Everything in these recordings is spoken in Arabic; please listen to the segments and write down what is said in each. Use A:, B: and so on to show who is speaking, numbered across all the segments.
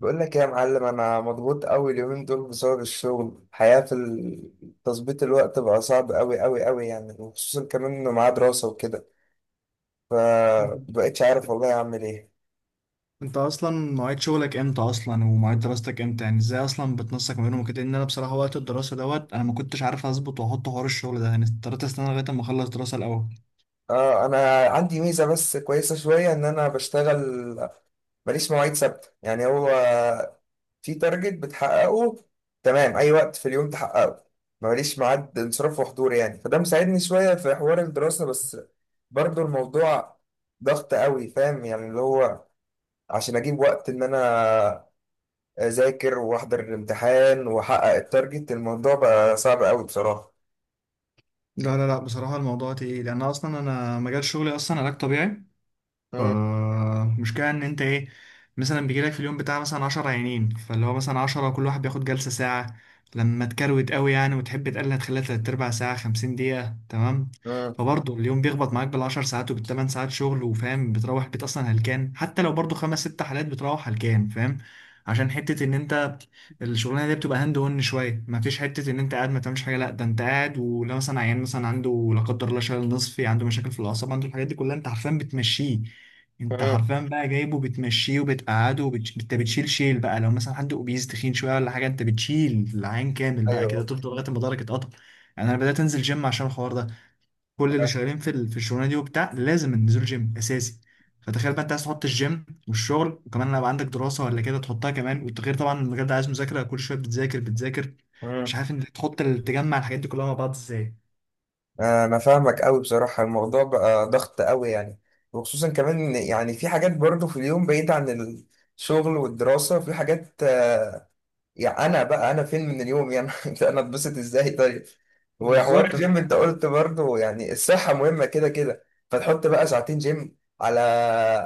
A: بقول لك إيه يا معلم، انا مضغوط قوي اليومين دول بسبب الشغل. الحياة في تظبيط الوقت بقى صعب قوي قوي قوي يعني، وخصوصا كمان انه معاه دراسة وكده.
B: انت
A: فبقيتش عارف والله اعمل ايه.
B: انت اصلا مواعيد شغلك امتى اصلا؟ ومواعيد دراستك امتى؟ يعني ازاي اصلا بتنسق ما بينهم وكده؟ ان انا بصراحه وقت الدراسه دوت انا ما كنتش عارف اظبط واحط حوار الشغل ده، يعني اضطريت استنى لغايه اما اخلص دراسه الاول.
A: اه انا عندي ميزه بس كويسه شويه، ان انا بشتغل ماليش مواعيد ثابته. يعني هو في تارجت بتحققه تمام، اي وقت في اليوم تحققه، ماليش ميعاد انصراف وحضور. يعني فده مساعدني شويه في حوار الدراسه، بس برضو الموضوع ضغط قوي فاهم؟ يعني اللي هو عشان اجيب وقت ان انا اذاكر واحضر الامتحان واحقق التارجت، الموضوع بقى صعب قوي بصراحه.
B: لا لا لا، بصراحه الموضوع تقيل، يعني انا اصلا انا مجال شغلي اصلا علاج طبيعي.
A: مم،
B: فالمشكلة إن أنت إيه، مثلا بيجيلك في اليوم بتاع مثلا 10 عيانين، فاللي هو مثلا 10، كل واحد بياخد جلسة ساعة. لما تكروت قوي يعني وتحب تقلل هتخليها تلات أرباع ساعة، 50 دقيقة، تمام.
A: مم،
B: فبرضه اليوم بيخبط معاك بال 10 ساعات وبالتمن ساعات شغل، وفاهم بتروح البيت أصلا هلكان، حتى لو برضه 5 6 حالات بتروح هلكان، فاهم؟ عشان حتة إن أنت الشغلانه دي بتبقى هاند اون شويه، ما فيش حته ان انت قاعد ما تعملش حاجه، لا ده انت قاعد، ولو مثلا عيان مثلا عنده لا قدر الله شلل نصفي، عنده مشاكل في الاعصاب، عنده الحاجات دي كلها، انت عارفين بتمشيه. انت
A: مم.
B: حرفيا بقى جايبه بتمشيه وبتقعده انت بتشيل شيل بقى، لو مثلا حد اوبيز تخين شويه ولا حاجه انت بتشيل العين كامل بقى كده،
A: ايوه.
B: تفضل لغايه ما ضهرك اتقطع. يعني انا بدات انزل جيم عشان الحوار ده، كل اللي شغالين في الشغلانه دي وبتاع لازم النزول جيم اساسي. فتخيل بقى انت عايز تحط الجيم والشغل وكمان لو عندك دراسه ولا كده تحطها كمان، والتغيير طبعا المجال ده عايز مذاكره كل شويه بتذاكر بتذاكر.
A: مم.
B: مش عارف انت تحط تجمع الحاجات دي كلها مع بعض ازاي.
A: انا فاهمك قوي بصراحه، الموضوع بقى ضغط قوي يعني. وخصوصا كمان إن يعني في حاجات برضه في اليوم بعيد عن الشغل والدراسه، في حاجات يعني انا بقى انا فين من اليوم يعني انا اتبسط ازاي طيب؟ وحوار
B: بالظبط، انا
A: الجيم
B: فاهم.
A: انت قلت برضه يعني الصحه مهمه كده كده. فتحط بقى ساعتين جيم على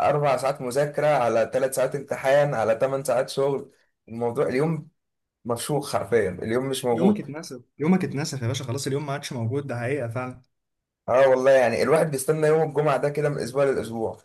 A: 4 ساعات مذاكره على 3 ساعات امتحان على 8 ساعات شغل. الموضوع اليوم مفشوخ حرفيا، اليوم مش موجود.
B: يومك اتنسف، يومك اتنسف يا باشا، خلاص اليوم ما عادش موجود، ده حقيقة فعلا.
A: اه والله، يعني الواحد بيستنى يوم الجمعه ده كده من اسبوع لاسبوع.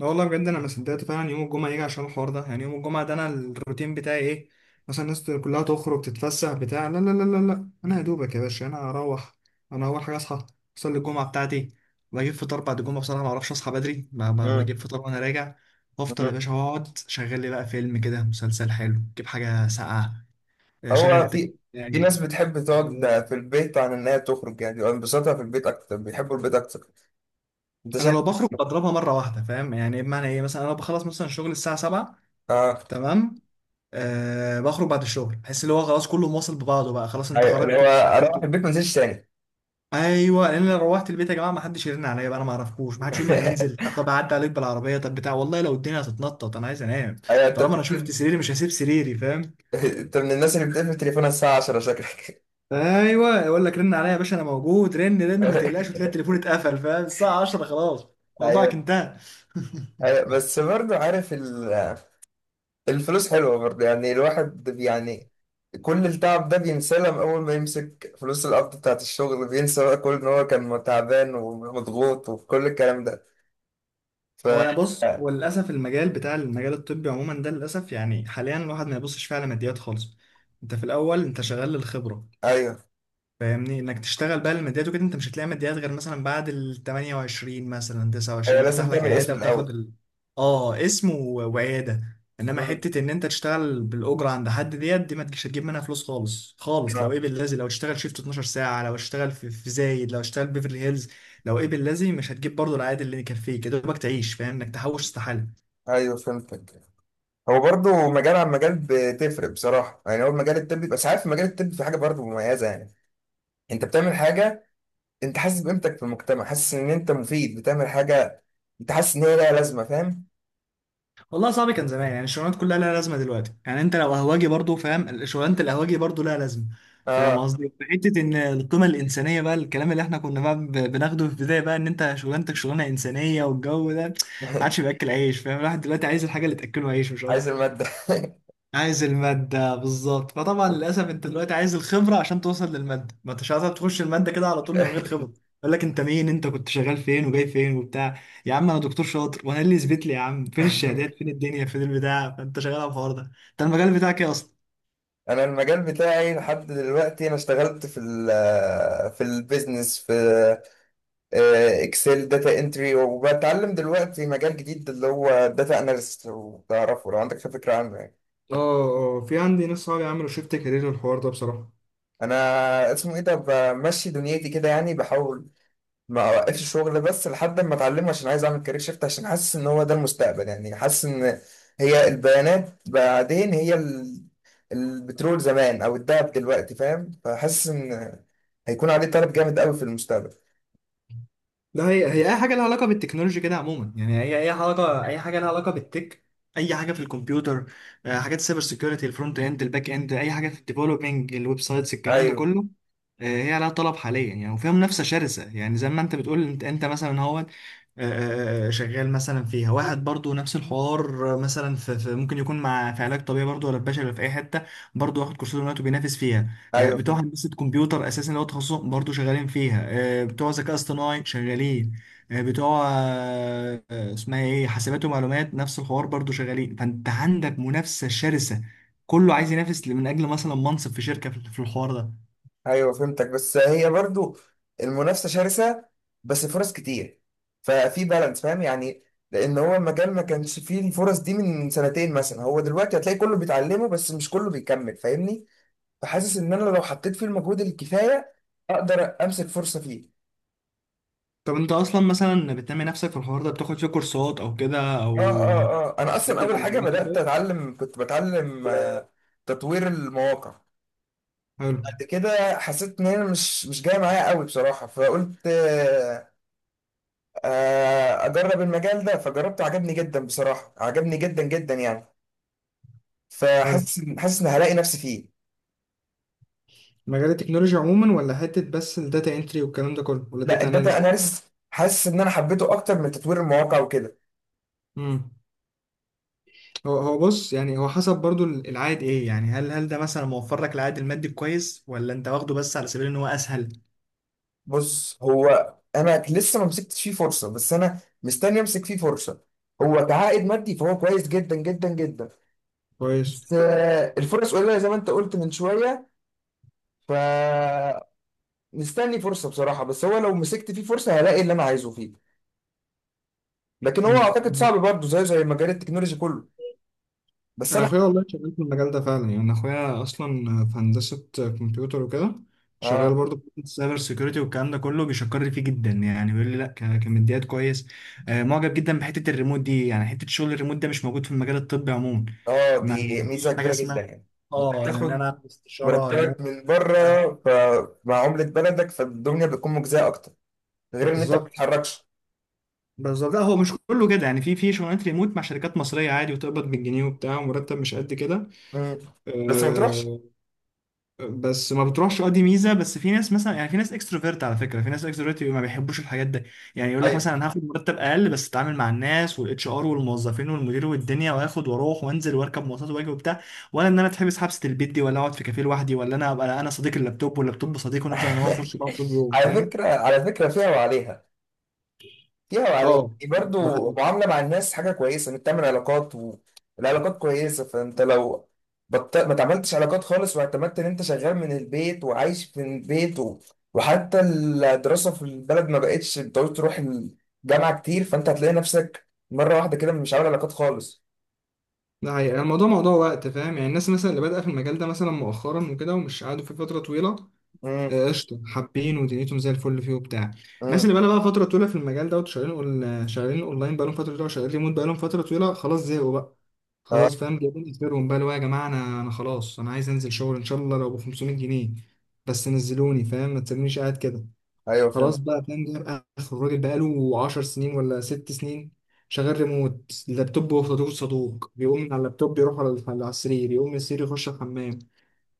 B: لا والله بجد انا ما صدقت فعلا يوم الجمعه يجي عشان الحوار ده. يعني يوم الجمعه ده انا الروتين بتاعي ايه؟ مثلا الناس كلها تخرج تتفسح بتاع، لا لا لا لا لا، انا يا دوبك يا باشا انا هروح. انا اول حاجه اصحى، اصلي الجمعه بتاعتي، بجيب فطار بعد الجمعه، بصراحه ما اعرفش اصحى بدري، ما
A: مم.
B: بجيب فطار وانا راجع وافطر يا
A: مم.
B: باشا، واقعد شغل لي بقى فيلم كده، مسلسل حلو، جيب حاجه ساقعه، شغل
A: هو
B: التكييف
A: في ناس
B: يعني.
A: بتحب تقعد في البيت عن ان هي تخرج، يعني بيبقى انبساطها في البيت اكتر، بيحبوا البيت اكتر. انت
B: انا لو بخرج
A: شكلك.
B: بضربها مره واحده، فاهم يعني بمعنى ايه؟ مثلا انا بخلص مثلا شغل الساعه 7
A: اه.
B: تمام، أه بخرج بعد الشغل، بحس اللي هو خلاص كله مواصل ببعضه بقى، خلاص انت
A: ايوه، اللي هو
B: خرجت واشتغلت
A: اروح البيت ما انزلش تاني.
B: ايوه لان انا روحت البيت يا جماعه، ما حدش يرن عليا بقى، انا ما اعرفكوش، ما حدش يقول لي هننزل، طب اعدي عليك بالعربيه، طب بتاع، والله لو الدنيا هتتنطط انا عايز انام.
A: ايوه انت
B: طالما انا شفت
A: بتقفل.
B: سريري مش هسيب سريري، فاهم؟
A: انت من الناس اللي بتقفل تليفونها الساعه 10 شكلك.
B: ايوه يقول لك رن عليا يا باشا، انا موجود رن رن ما تقلقش، وتلاقي التليفون اتقفل، فاهم؟ الساعه 10 خلاص،
A: ايوه.
B: موضوعك انتهى.
A: ايوه بس برضه عارف الفلوس حلوه برضه يعني، الواحد يعني كل التعب ده بينساه لما اول ما يمسك فلوس القبض بتاعت الشغل، بينسى بقى كل ان هو كان تعبان ومضغوط وكل الكلام ده. ف
B: هو انا بص، هو للاسف المجال بتاع المجال الطبي عموما ده للاسف، يعني حاليا الواحد ما يبصش فيه على ماديات خالص. انت في الاول انت شغال للخبره،
A: ايوه.
B: فاهمني؟ انك تشتغل بقى الماديات وكده انت مش هتلاقي ماديات غير مثلا بعد ال 28 مثلا
A: ايوه
B: 29، لما تفتح
A: لازم
B: لك
A: تعمل
B: عياده
A: اسم
B: وتاخد
A: الاول.
B: اه، اسم وعياده، انما
A: مم.
B: حته ان انت تشتغل بالاجره عند حد ديت دي ما تجيش، هتجيب منها فلوس خالص خالص؟ لو
A: اه.
B: ايه باللذي لو تشتغل شيفت 12 ساعه، لو تشتغل في زايد، لو تشتغل بيفرلي هيلز، لو ايه باللذي مش هتجيب برضه العائد اللي يكفيك يا دوبك تعيش، فاهم انك تحوش؟ استحاله.
A: ايوه فهمتك. هو برضو مجال عن مجال بتفرق بصراحه، يعني هو مجال الطب، بس عارف مجال الطب في حاجه برضو مميزه يعني، انت بتعمل حاجه، انت حاسس بقيمتك في المجتمع، حاسس ان انت مفيد، بتعمل حاجه، انت حاسس ان هي لها لازمه فاهم؟
B: والله صعب، كان زمان يعني الشغلانات كلها لها لازمه، دلوقتي يعني انت لو قهوجي برضو، فاهم شغلانه القهوجي برضو لها لازمه؟ فاهم
A: اه.
B: قصدي؟ في حته ان القيمه الانسانيه بقى الكلام اللي احنا كنا بقى بناخده في البدايه بقى ان انت شغلانتك شغلانه انسانيه، والجو ده ما عادش بياكل عيش، فاهم؟ الواحد دلوقتي عايز الحاجه اللي تاكله عيش مش
A: عايز
B: اكتر.
A: الماده.
B: عايز المادة، بالظبط. فطبعا للأسف أنت دلوقتي عايز الخبرة عشان توصل للمادة، ما أنتش عايز تخش المادة كده على طول من غير خبرة. يقول لك أنت مين؟ أنت كنت شغال فين؟ وجاي فين وبتاع؟ يا عم أنا دكتور شاطر، وأنا إيه اللي يثبت لي يا عم؟ فين الشهادات؟ فين الدنيا؟ فين البتاع؟ فأنت شغال على الحوار ده. أنت المجال بتاعك إيه أصلا؟
A: انا المجال بتاعي لحد دلوقتي انا اشتغلت في البيزنس، في اكسل داتا انتري، وبتعلم دلوقتي مجال جديد اللي هو داتا اناليست. وتعرفه لو عندك فكره عنه يعني؟
B: اه اه، في عندي ناس صحابي عملوا شيفت كارير الحوار ده بصراحة.
A: انا اسمه ايه ده، بمشي دنيتي كده يعني، بحاول ما اوقفش الشغل بس لحد ما اتعلمه، عشان عايز اعمل كارير شيفت، عشان حاسس ان هو ده المستقبل يعني. حاسس ان هي البيانات بعدين هي البترول زمان او الذهب دلوقتي فاهم؟ فحاسس ان هيكون عليه طلب جامد قوي في المستقبل.
B: ده هي اي حاجه لها علاقه بالتكنولوجيا كده عموما يعني، هي اي علاقه، اي حاجه لها علاقه بالتك، اي حاجه في الكمبيوتر، حاجات السايبر سيكيورتي، الفرونت اند، الباك اند، اي حاجه في الديفلوبينج الويب سايتس، الكلام ده
A: ايوه.
B: كله. هي لها طلب حاليا يعني، وفيها منافسه شرسه، يعني زي ما انت بتقول، انت انت مثلا هو شغال مثلا فيها، واحد برضو نفس الحوار مثلا ممكن يكون مع في علاج طبيعي برضو، ولا في بشري، ولا في اي حته، برضو واخد كورسات دلوقتي وبينافس فيها.
A: ايوه.
B: بتوع هندسة كمبيوتر أساسا اللي هو تخصصهم برضه شغالين فيها. بتوع ذكاء اصطناعي شغالين. بتوع اسمها إيه، حاسبات ومعلومات، نفس الحوار برضه شغالين. فأنت عندك منافسة شرسة، كله عايز ينافس من أجل مثلا منصب في شركة، في في الحوار ده.
A: ايوه فهمتك، بس هي برضو المنافسه شرسه، بس فرص كتير، ففي بالانس فاهم يعني. لان هو المجال ما كانش فيه الفرص دي من سنتين مثلا، هو دلوقتي هتلاقي كله بيتعلمه بس مش كله بيكمل فاهمني؟ فحاسس ان انا لو حطيت فيه المجهود الكفايه اقدر امسك فرصه فيه.
B: طب أنت أصلا مثلا بتنمي نفسك في الحوار ده؟ بتاخد فيه كورسات أو كده
A: اه.
B: أو
A: اه. اه انا اصلا
B: تقدم
A: اول
B: على
A: حاجه
B: حاجات
A: بدات
B: وكده؟
A: اتعلم، كنت بتعلم تطوير المواقع.
B: حلو.
A: بعد كده حسيت ان انا مش جايه معايا قوي بصراحه، فقلت اجرب المجال ده، فجربته عجبني جدا بصراحه، عجبني جدا جدا يعني.
B: حلو،
A: فحاسس إن- حاسس ان هلاقي نفسي فيه.
B: مجال التكنولوجيا عموما ولا حتة بس الداتا انتري والكلام ده كله، ولا
A: لا،
B: الداتا
A: الداتا اناليسيس. حاسس ان انا حبيته اكتر من تطوير المواقع وكده.
B: اناليست؟ هو هو بص يعني، هو حسب برضو العائد ايه، يعني هل ده مثلا موفر لك العائد المادي كويس، ولا انت واخده بس على سبيل ان هو اسهل؟
A: بص هو انا لسه ما مسكتش فيه فرصه، بس انا مستني امسك فيه فرصه. هو كعائد مادي فهو كويس جدا جدا جدا.
B: كويس.
A: بس الفرص قليله زي ما انت قلت من شويه. فمستني فرصه بصراحه، بس هو لو مسكت فيه فرصه هلاقي اللي انا عايزه فيه. لكن هو اعتقد
B: مم.
A: صعب برضه، زيه زي مجال التكنولوجي كله. بس
B: انا
A: انا.
B: اخويا والله شغال في المجال ده فعلا، يعني انا اخويا اصلا في هندسه كمبيوتر وكده، شغال
A: اه.
B: برضه في السايبر سيكيورتي والكلام ده كله، بيشكر لي فيه جدا يعني، بيقول لي لا كماديات كويس. معجب جدا بحته الريموت دي، يعني حته شغل الريموت ده مش موجود في المجال الطبي عموما.
A: اه
B: ما
A: دي
B: ما
A: ميزه
B: فيش حاجه
A: كبيره
B: اسمها
A: جدا يعني. انت
B: اه ان انا
A: بتاخد
B: اعمل استشاره
A: مرتبك
B: ريموت.
A: من بره،
B: آه.
A: فمع عمله بلدك فالدنيا بتكون مجزيه اكتر، غير ان انت ما
B: بالظبط،
A: بتتحركش.
B: بالظبط. لا هو مش كله كده يعني، في شغلانات ريموت مع شركات مصريه عادي، وتقبض بالجنيه وبتاع، ومرتب مش قد كده.
A: مم. بس ما بتروحش.
B: أه، بس ما بتروحش، اه دي ميزه. بس في ناس مثلا يعني في ناس اكستروفيرت على فكره، في ناس اكستروفيرت ما بيحبوش الحاجات دي، يعني يقول لك
A: ايوه.
B: مثلا انا هاخد مرتب اقل بس اتعامل مع الناس والاتش ار والموظفين والمدير والدنيا، واخد واروح وانزل واركب مواصلات واجي وبتاع، ولا ان انا اتحبس حبسه البيت دي، ولا اقعد في كافيه لوحدي، ولا انا ابقى انا صديق اللابتوب واللابتوب صديق ونفضل انا هو في وش بعض طول اليوم،
A: على
B: فاهم؟
A: فكره، على فكره فيها وعليها، فيها وعليها
B: اه
A: يعني.
B: ده
A: برضو معاملة مع الناس حاجة كويسة، انك تعمل علاقات، والعلاقات كويسة. فانت لو ما تعملتش علاقات خالص واعتمدت ان انت شغال من البيت وعايش في البيت وحتى الدراسة في البلد ما بقتش بتعوز تروح الجامعة كتير، فانت هتلاقي نفسك مرة واحدة كده مش عامل علاقات خالص.
B: ده حقيقة، الموضوع موضوع وقت، فاهم؟ يعني الناس مثلا اللي بادئه في المجال ده مثلا مؤخرا وكده ومش قعدوا فيه فترة طويلة
A: امم.
B: قشطة، حابين ودنيتهم زي الفل فيه وبتاع. الناس
A: امم.
B: اللي بقى فترة طويلة في المجال ده وشغالين شغالين اونلاين بقالهم فترة طويلة، وشغالين ريموت بقالهم فترة طويلة، خلاص زهقوا بقى،
A: اه.
B: خلاص فاهم؟ جايبين اخرهم بقى اللي هو يا جماعة، انا خلاص انا عايز انزل شغل ان شاء الله لو ب 500 جنيه، بس نزلوني، فاهم؟ ما تسيبونيش قاعد كده.
A: ايوه فهمت.
B: خلاص بقى فاهم جايب اخر، الراجل بقاله 10 سنين ولا 6 سنين شغال ريموت، اللابتوب هو صدوق صدوق، بيقوم من على اللابتوب يروح على على السرير، يقوم من السرير يخش الحمام.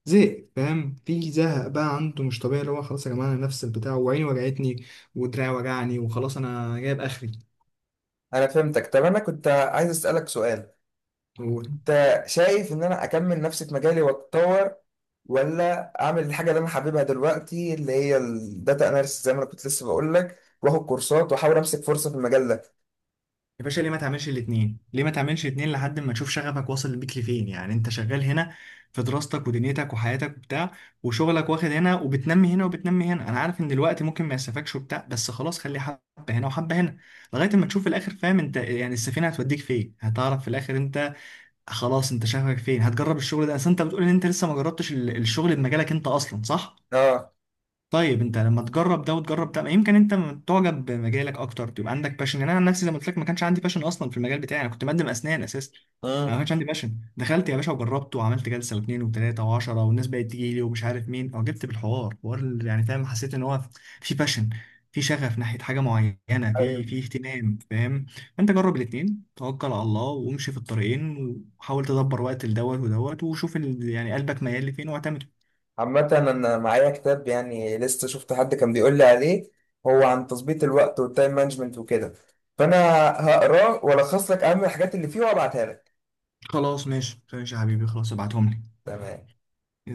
B: زهق، فاهم؟ في زهق بقى عنده مش طبيعي، اللي هو خلاص يا جماعه انا نفس البتاع، وعيني وجعتني، ودراعي وجعني، وخلاص انا جايب اخري.
A: انا فهمتك. طب انا كنت عايز اسألك سؤال، انت شايف ان انا اكمل نفسي في مجالي واتطور، ولا اعمل الحاجه اللي انا حاببها دلوقتي اللي هي الداتا اناليسيس، زي ما انا كنت لسه بقول لك واخد كورسات واحاول امسك فرصه في المجال ده؟
B: يا باشا ليه ما تعملش الاتنين؟ ليه ما تعملش الاتنين لحد ما تشوف شغفك واصل بيك لفين، يعني انت شغال هنا في دراستك ودنيتك وحياتك وبتاع، وشغلك واخد هنا وبتنمي هنا وبتنمي هنا، انا عارف ان الوقت ممكن ما يسفكش وبتاع، بس خلاص خلي حبة هنا وحبة هنا لغاية ما تشوف في الاخر، فاهم انت؟ يعني السفينة هتوديك فين، هتعرف في الاخر انت خلاص انت شغفك فين. هتجرب الشغل ده، اصل انت بتقول ان انت لسه ما جربتش الشغل بمجالك انت اصلا، صح؟
A: اه.
B: طيب انت لما تجرب ده وتجرب ده يمكن انت تعجب بمجالك اكتر، تبقى عندك باشن يعني. انا عن نفسي زي ما قلت لك ما كانش عندي باشن اصلا في المجال بتاعي، انا كنت مقدم اسنان اساسا. انا ما
A: امم.
B: كانش عندي باشن، دخلت يا باشا وجربت وعملت جلسه واثنين وثلاثه وعشره، والناس بقت تيجي لي ومش عارف مين، اعجبت بالحوار حوار يعني فاهم؟ حسيت ان هو في باشن، في شغف ناحيه حاجه معينه، في
A: ايوه.
B: في اهتمام، فاهم؟ فانت جرب الاثنين، توكل على الله وامشي في الطريقين، وحاول تدبر وقت لدوت ودوت، وشوف يعني قلبك ميال لفين واعتمد.
A: عامه انا معايا كتاب، يعني لسه شفت حد كان بيقول لي عليه، هو عن تظبيط الوقت والتايم مانجمنت وكده. فانا هقراه والخص لك اهم الحاجات اللي فيه وابعتها لك.
B: خلاص ماشي ماشي يا حبيبي، خلاص ابعتهم لي.
A: تمام.